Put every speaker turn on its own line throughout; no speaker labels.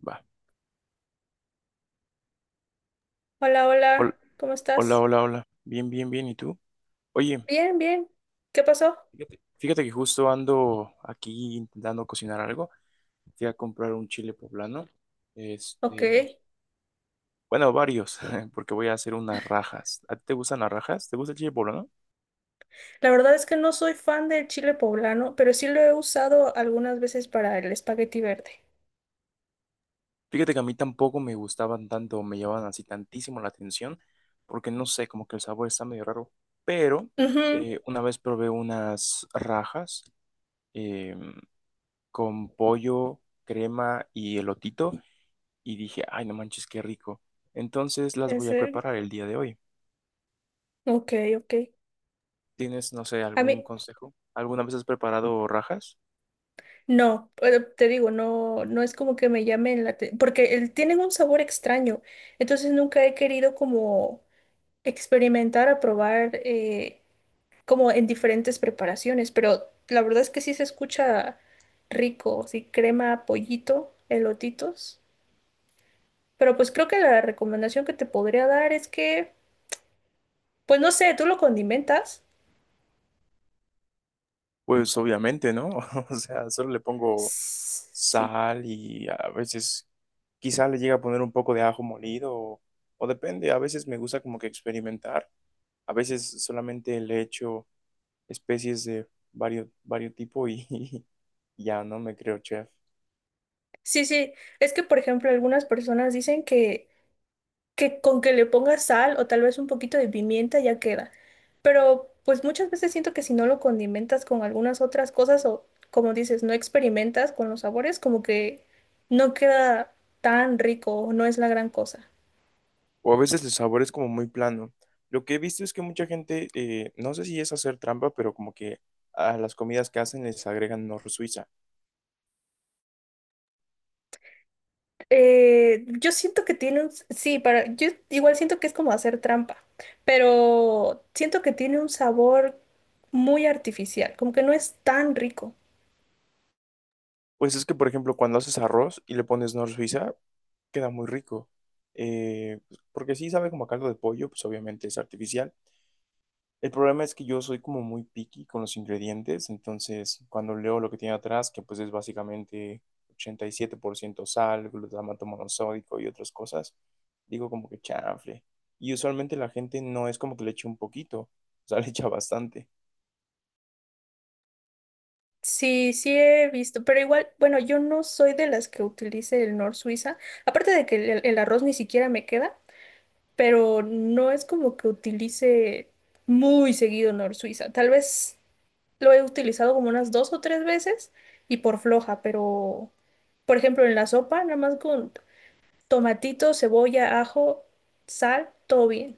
Va.
Hola,
Hol-
hola, ¿cómo
Hola,
estás?
hola, hola. Bien, bien, bien. ¿Y tú? Oye,
Bien, bien. ¿Qué pasó?
fíjate que justo ando aquí intentando cocinar algo. Fui a comprar un chile poblano.
Ok.
Este, bueno, varios, porque voy a hacer unas rajas. ¿A ti te gustan las rajas? ¿Te gusta el chile poblano?
La verdad es que no soy fan del chile poblano, pero sí lo he usado algunas veces para el espagueti verde.
Fíjate que a mí tampoco me gustaban tanto, me llamaban así tantísimo la atención, porque no sé, como que el sabor está medio raro. Pero
Ujú.
una vez probé unas rajas em, con pollo, crema y elotito. Y dije, ay, no manches, qué rico. Entonces las
¿En
voy a
serio?
preparar el día de hoy.
Ok, ok.
¿Tienes, no sé,
A mí,
algún consejo? ¿Alguna vez has preparado rajas?
no, pero te digo, no, no es como que me llamen la atención, porque tienen un sabor extraño, entonces nunca he querido como experimentar a probar como en diferentes preparaciones, pero la verdad es que sí se escucha rico, sí, crema, pollito, elotitos. Pero pues creo que la recomendación que te podría dar es que, pues no sé, tú lo condimentas.
Pues obviamente, ¿no? O sea, solo le pongo
Sí,
sal y a veces quizá le llega a poner un poco de ajo molido o depende, a veces me gusta como que experimentar, a veces solamente le echo especies de varios tipos y, y ya no me creo chef.
sí, sí. Es que, por ejemplo, algunas personas dicen que con que le pongas sal o tal vez un poquito de pimienta ya queda. Pero pues muchas veces siento que si no lo condimentas con algunas otras cosas o como dices, no experimentas con los sabores, como que no queda tan rico o no es la gran cosa.
O a veces el sabor es como muy plano. Lo que he visto es que mucha gente, no sé si es hacer trampa, pero como que a las comidas que hacen les agregan nor suiza.
Yo siento que tiene un, sí, para, yo igual siento que es como hacer trampa, pero siento que tiene un sabor muy artificial, como que no es tan rico.
Pues es que, por ejemplo, cuando haces arroz y le pones nor suiza, queda muy rico. Eh, Porque sí sabe como a caldo de pollo, pues obviamente es artificial. El problema es que yo soy como muy picky con los ingredientes, entonces cuando leo lo que tiene atrás, que pues es básicamente 87% sal, glutamato monosódico y otras cosas, digo como que chanfle. Y usualmente la gente no es como que le eche un poquito, o sea, le echa bastante.
Sí, sí he visto, pero igual, bueno, yo no soy de las que utilice el Nor Suiza, aparte de que el arroz ni siquiera me queda, pero no es como que utilice muy seguido Nor Suiza. Tal vez lo he utilizado como unas dos o tres veces y por floja, pero por ejemplo en la sopa, nada más con tomatito, cebolla, ajo, sal, todo bien.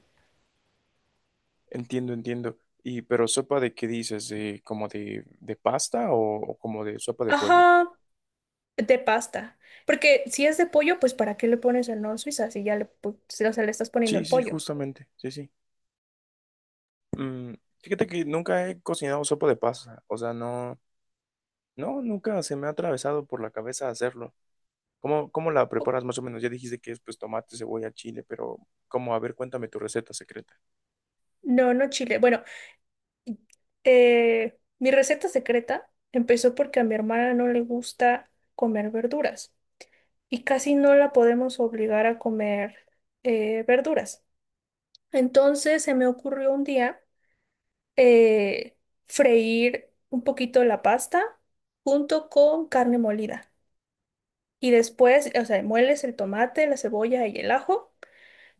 Entiendo, entiendo. Y pero sopa de qué dices, de de pasta o como de sopa de pollo.
Ajá, de pasta. Porque si es de pollo, pues ¿para qué le pones el Nor Suiza si ya le, pu- si, o sea, le estás poniendo
Sí,
el
sí,
pollo?
justamente, sí, sí. Mm, fíjate que nunca he cocinado sopa de pasta, o sea, no. No, nunca se me ha atravesado por la cabeza hacerlo. ¿Cómo la preparas más o menos? Ya dijiste que es pues tomate, cebolla, chile, pero ¿cómo? A ver, cuéntame tu receta secreta.
No, no chile. Bueno, mi receta secreta empezó porque a mi hermana no le gusta comer verduras y casi no la podemos obligar a comer verduras. Entonces se me ocurrió un día eh, freír un poquito la pasta junto con carne molida. Y después, o sea, mueles el tomate, la cebolla y el ajo.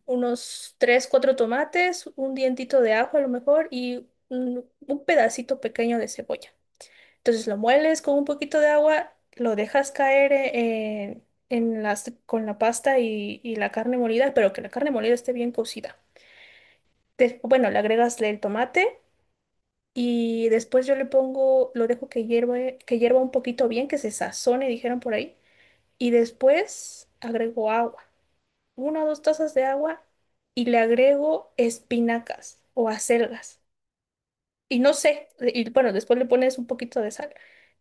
Unos tres, cuatro tomates, un dientito de ajo a lo mejor y un pedacito pequeño de cebolla. Entonces lo mueles con un poquito de agua, lo dejas caer en las, con la pasta y la carne molida, pero que la carne molida esté bien cocida. Bueno, le agregas el tomate y después yo le pongo, lo dejo que hierve, que hierva un poquito bien, que se sazone, dijeron por ahí, y después agrego agua, una o dos tazas de agua y le agrego espinacas o acelgas. Y no sé, y bueno, después le pones un poquito de sal.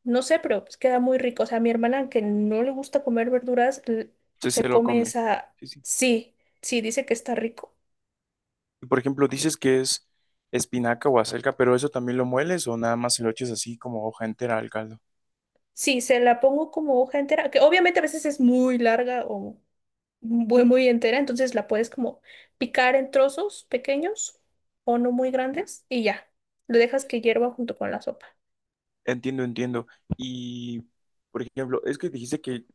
No sé, pero pues queda muy rico. O sea, mi hermana, que no le gusta comer verduras,
Sí,
se
se lo
come
come.
esa.
Sí, sí.
Sí, sí, dice que está rico.
Y, por ejemplo, dices que es espinaca o acelga, pero ¿eso también lo mueles o nada más se lo echas así como hoja entera al caldo?
Sí, se la pongo como hoja entera, que obviamente a veces es muy larga o muy, muy entera, entonces la puedes como picar en trozos pequeños o no muy grandes y ya. Le dejas que hierva junto con la sopa.
Entiendo, entiendo. Y, por ejemplo, es que dijiste que,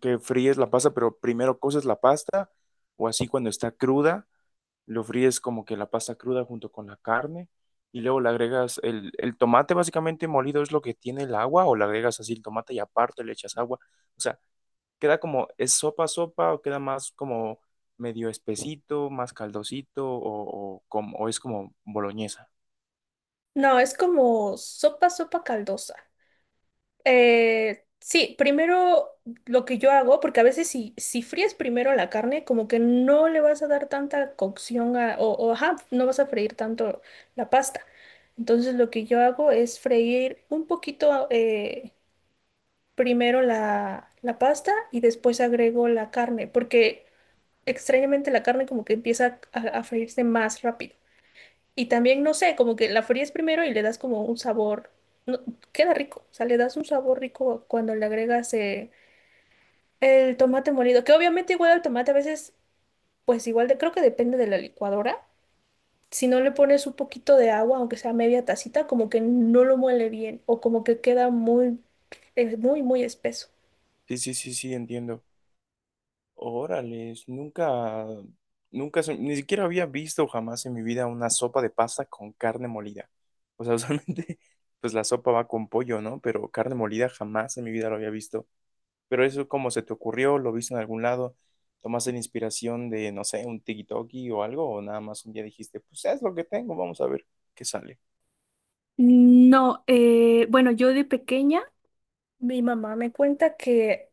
que fríes la pasta, pero primero coces la pasta o así cuando está cruda. Lo fríes como que la pasta cruda junto con la carne y luego le agregas el tomate básicamente molido es lo que tiene el agua o le agregas así el tomate y aparte le echas agua. O sea, queda como, ¿es sopa sopa o queda más como medio espesito, más caldosito o como, o es como boloñesa?
No, es como sopa, sopa caldosa. Sí, primero lo que yo hago, porque a veces si fríes primero la carne, como que no le vas a dar tanta cocción o, ajá, no vas a freír tanto la pasta. Entonces lo que yo hago es freír un poquito primero la pasta y después agrego la carne, porque extrañamente la carne como que empieza a freírse más rápido. Y también, no sé, como que la fríes primero y le das como un sabor, no, queda rico, o sea, le das un sabor rico cuando le agregas el tomate molido, que obviamente igual el tomate a veces, pues igual de, creo que depende de la licuadora. Si no le pones un poquito de agua, aunque sea media tacita, como que no lo muele bien o como que queda muy, muy, muy espeso.
Sí, sí, sí, sí, entiendo. Órales, nunca, nunca, ni siquiera había visto jamás en mi vida una sopa de pasta con carne molida. O sea, usualmente, pues la sopa va con pollo, ¿no? Pero carne molida jamás en mi vida lo había visto. Pero eso, ¿cómo se te ocurrió? ¿Lo viste en algún lado? ¿Tomaste la inspiración de, no sé, un TikTok o algo? ¿O nada más un día dijiste, pues es lo que tengo, vamos a ver qué sale?
No, bueno, yo de pequeña, mi mamá me cuenta que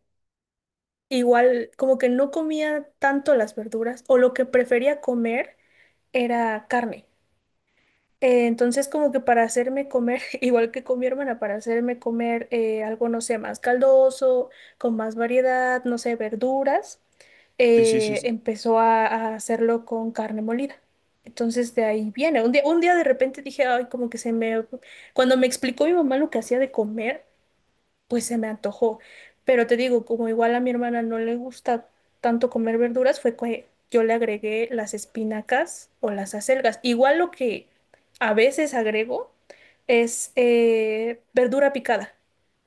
igual como que no comía tanto las verduras o lo que prefería comer era carne. Entonces, como que para hacerme comer, igual que con mi hermana, para hacerme comer algo, no sé, más caldoso, con más variedad, no sé, verduras,
Sí, sí, sí, sí.
empezó a hacerlo con carne molida. Entonces de ahí viene. Un día de repente dije, ay, como que se me... Cuando me explicó mi mamá lo que hacía de comer, pues se me antojó. Pero te digo, como igual a mi hermana no le gusta tanto comer verduras, fue que yo le agregué las espinacas o las acelgas. Igual lo que a veces agrego es verdura picada.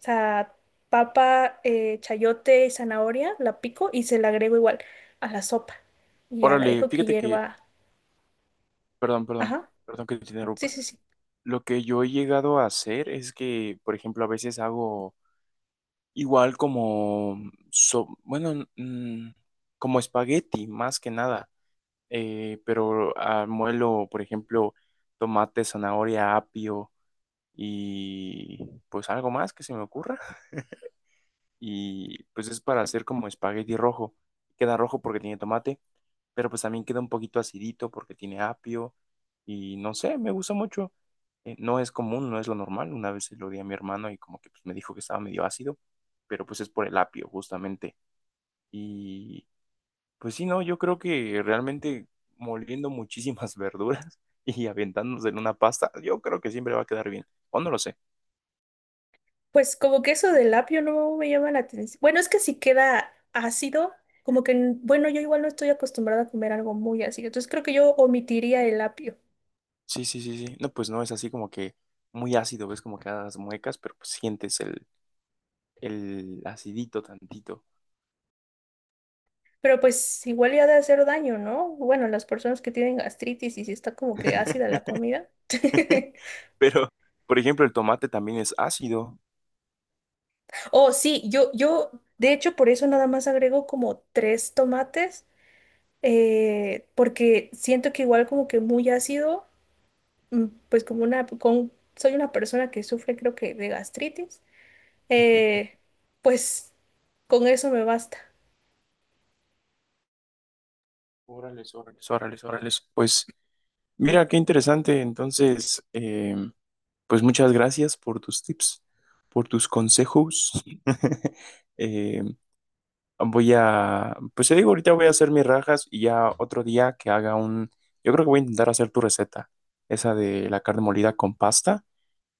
O sea, papa, chayote y zanahoria, la pico y se la agrego igual a la sopa. Y ya la
Órale,
dejo que
fíjate que,
hierva.
perdón, perdón,
Ajá,
perdón que te
sí,
interrumpa.
sí, sí.
Lo que yo he llegado a hacer es que, por ejemplo, a veces hago igual como, bueno, como espagueti, más que nada. Pero muelo, por ejemplo, tomate, zanahoria, apio y pues algo más que se me ocurra y pues es para hacer como espagueti rojo. Queda rojo porque tiene tomate, pero pues también queda un poquito acidito porque tiene apio y no sé, me gusta mucho. No es común, no es lo normal. Una vez se lo di a mi hermano y como que pues, me dijo que estaba medio ácido, pero pues es por el apio justamente. Y pues sí, no, yo creo que realmente moliendo muchísimas verduras y aventándose en una pasta, yo creo que siempre va a quedar bien. O no lo sé.
Pues como que eso del apio no me llama la atención. Bueno, es que si queda ácido, como que, bueno, yo igual no estoy acostumbrada a comer algo muy ácido, entonces creo que yo omitiría el apio.
Sí, sí, sí, sí. No, pues no es así como que muy ácido, ves como que las muecas, pero pues sientes el acidito tantito.
Pero pues igual ya ha de hacer daño, ¿no? Bueno, las personas que tienen gastritis y si está como que ácida la comida.
Pero, por ejemplo, el tomate también es ácido.
Oh, sí, yo, de hecho, por eso nada más agrego como tres tomates, porque siento que igual como que muy ácido, mm, pues como una, con, soy una persona que sufre creo que de gastritis. Eh, pues con eso me basta.
Órales, órales, órales, órales. Pues mira, qué interesante. Entonces, pues muchas gracias por tus tips, por tus consejos. Eh, Voy a, pues te digo, ahorita voy a hacer mis rajas y ya otro día que haga un, yo creo que voy a intentar hacer tu receta, esa de la carne molida con pasta,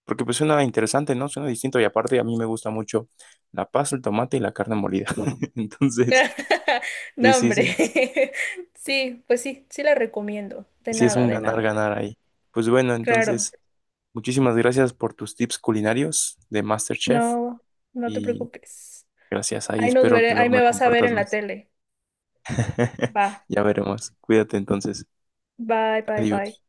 porque pues suena interesante, ¿no? Suena distinto y aparte a mí me gusta mucho la pasta, el tomate y la carne molida. Entonces, sí,
No,
sí, sí,
hombre. Sí, pues sí, sí la recomiendo. De
sí es
nada,
un
de
ganar,
nada.
ganar ahí. Pues bueno,
Claro,
entonces, muchísimas gracias por tus tips culinarios de MasterChef
no, no te
y
preocupes.
gracias ahí,
Ahí nos
espero
veré,
que
ahí
luego
me
me
vas a ver
compartas
en la
más.
tele. Va,
Ya veremos. Cuídate entonces.
bye, bye, bye.
Adiós.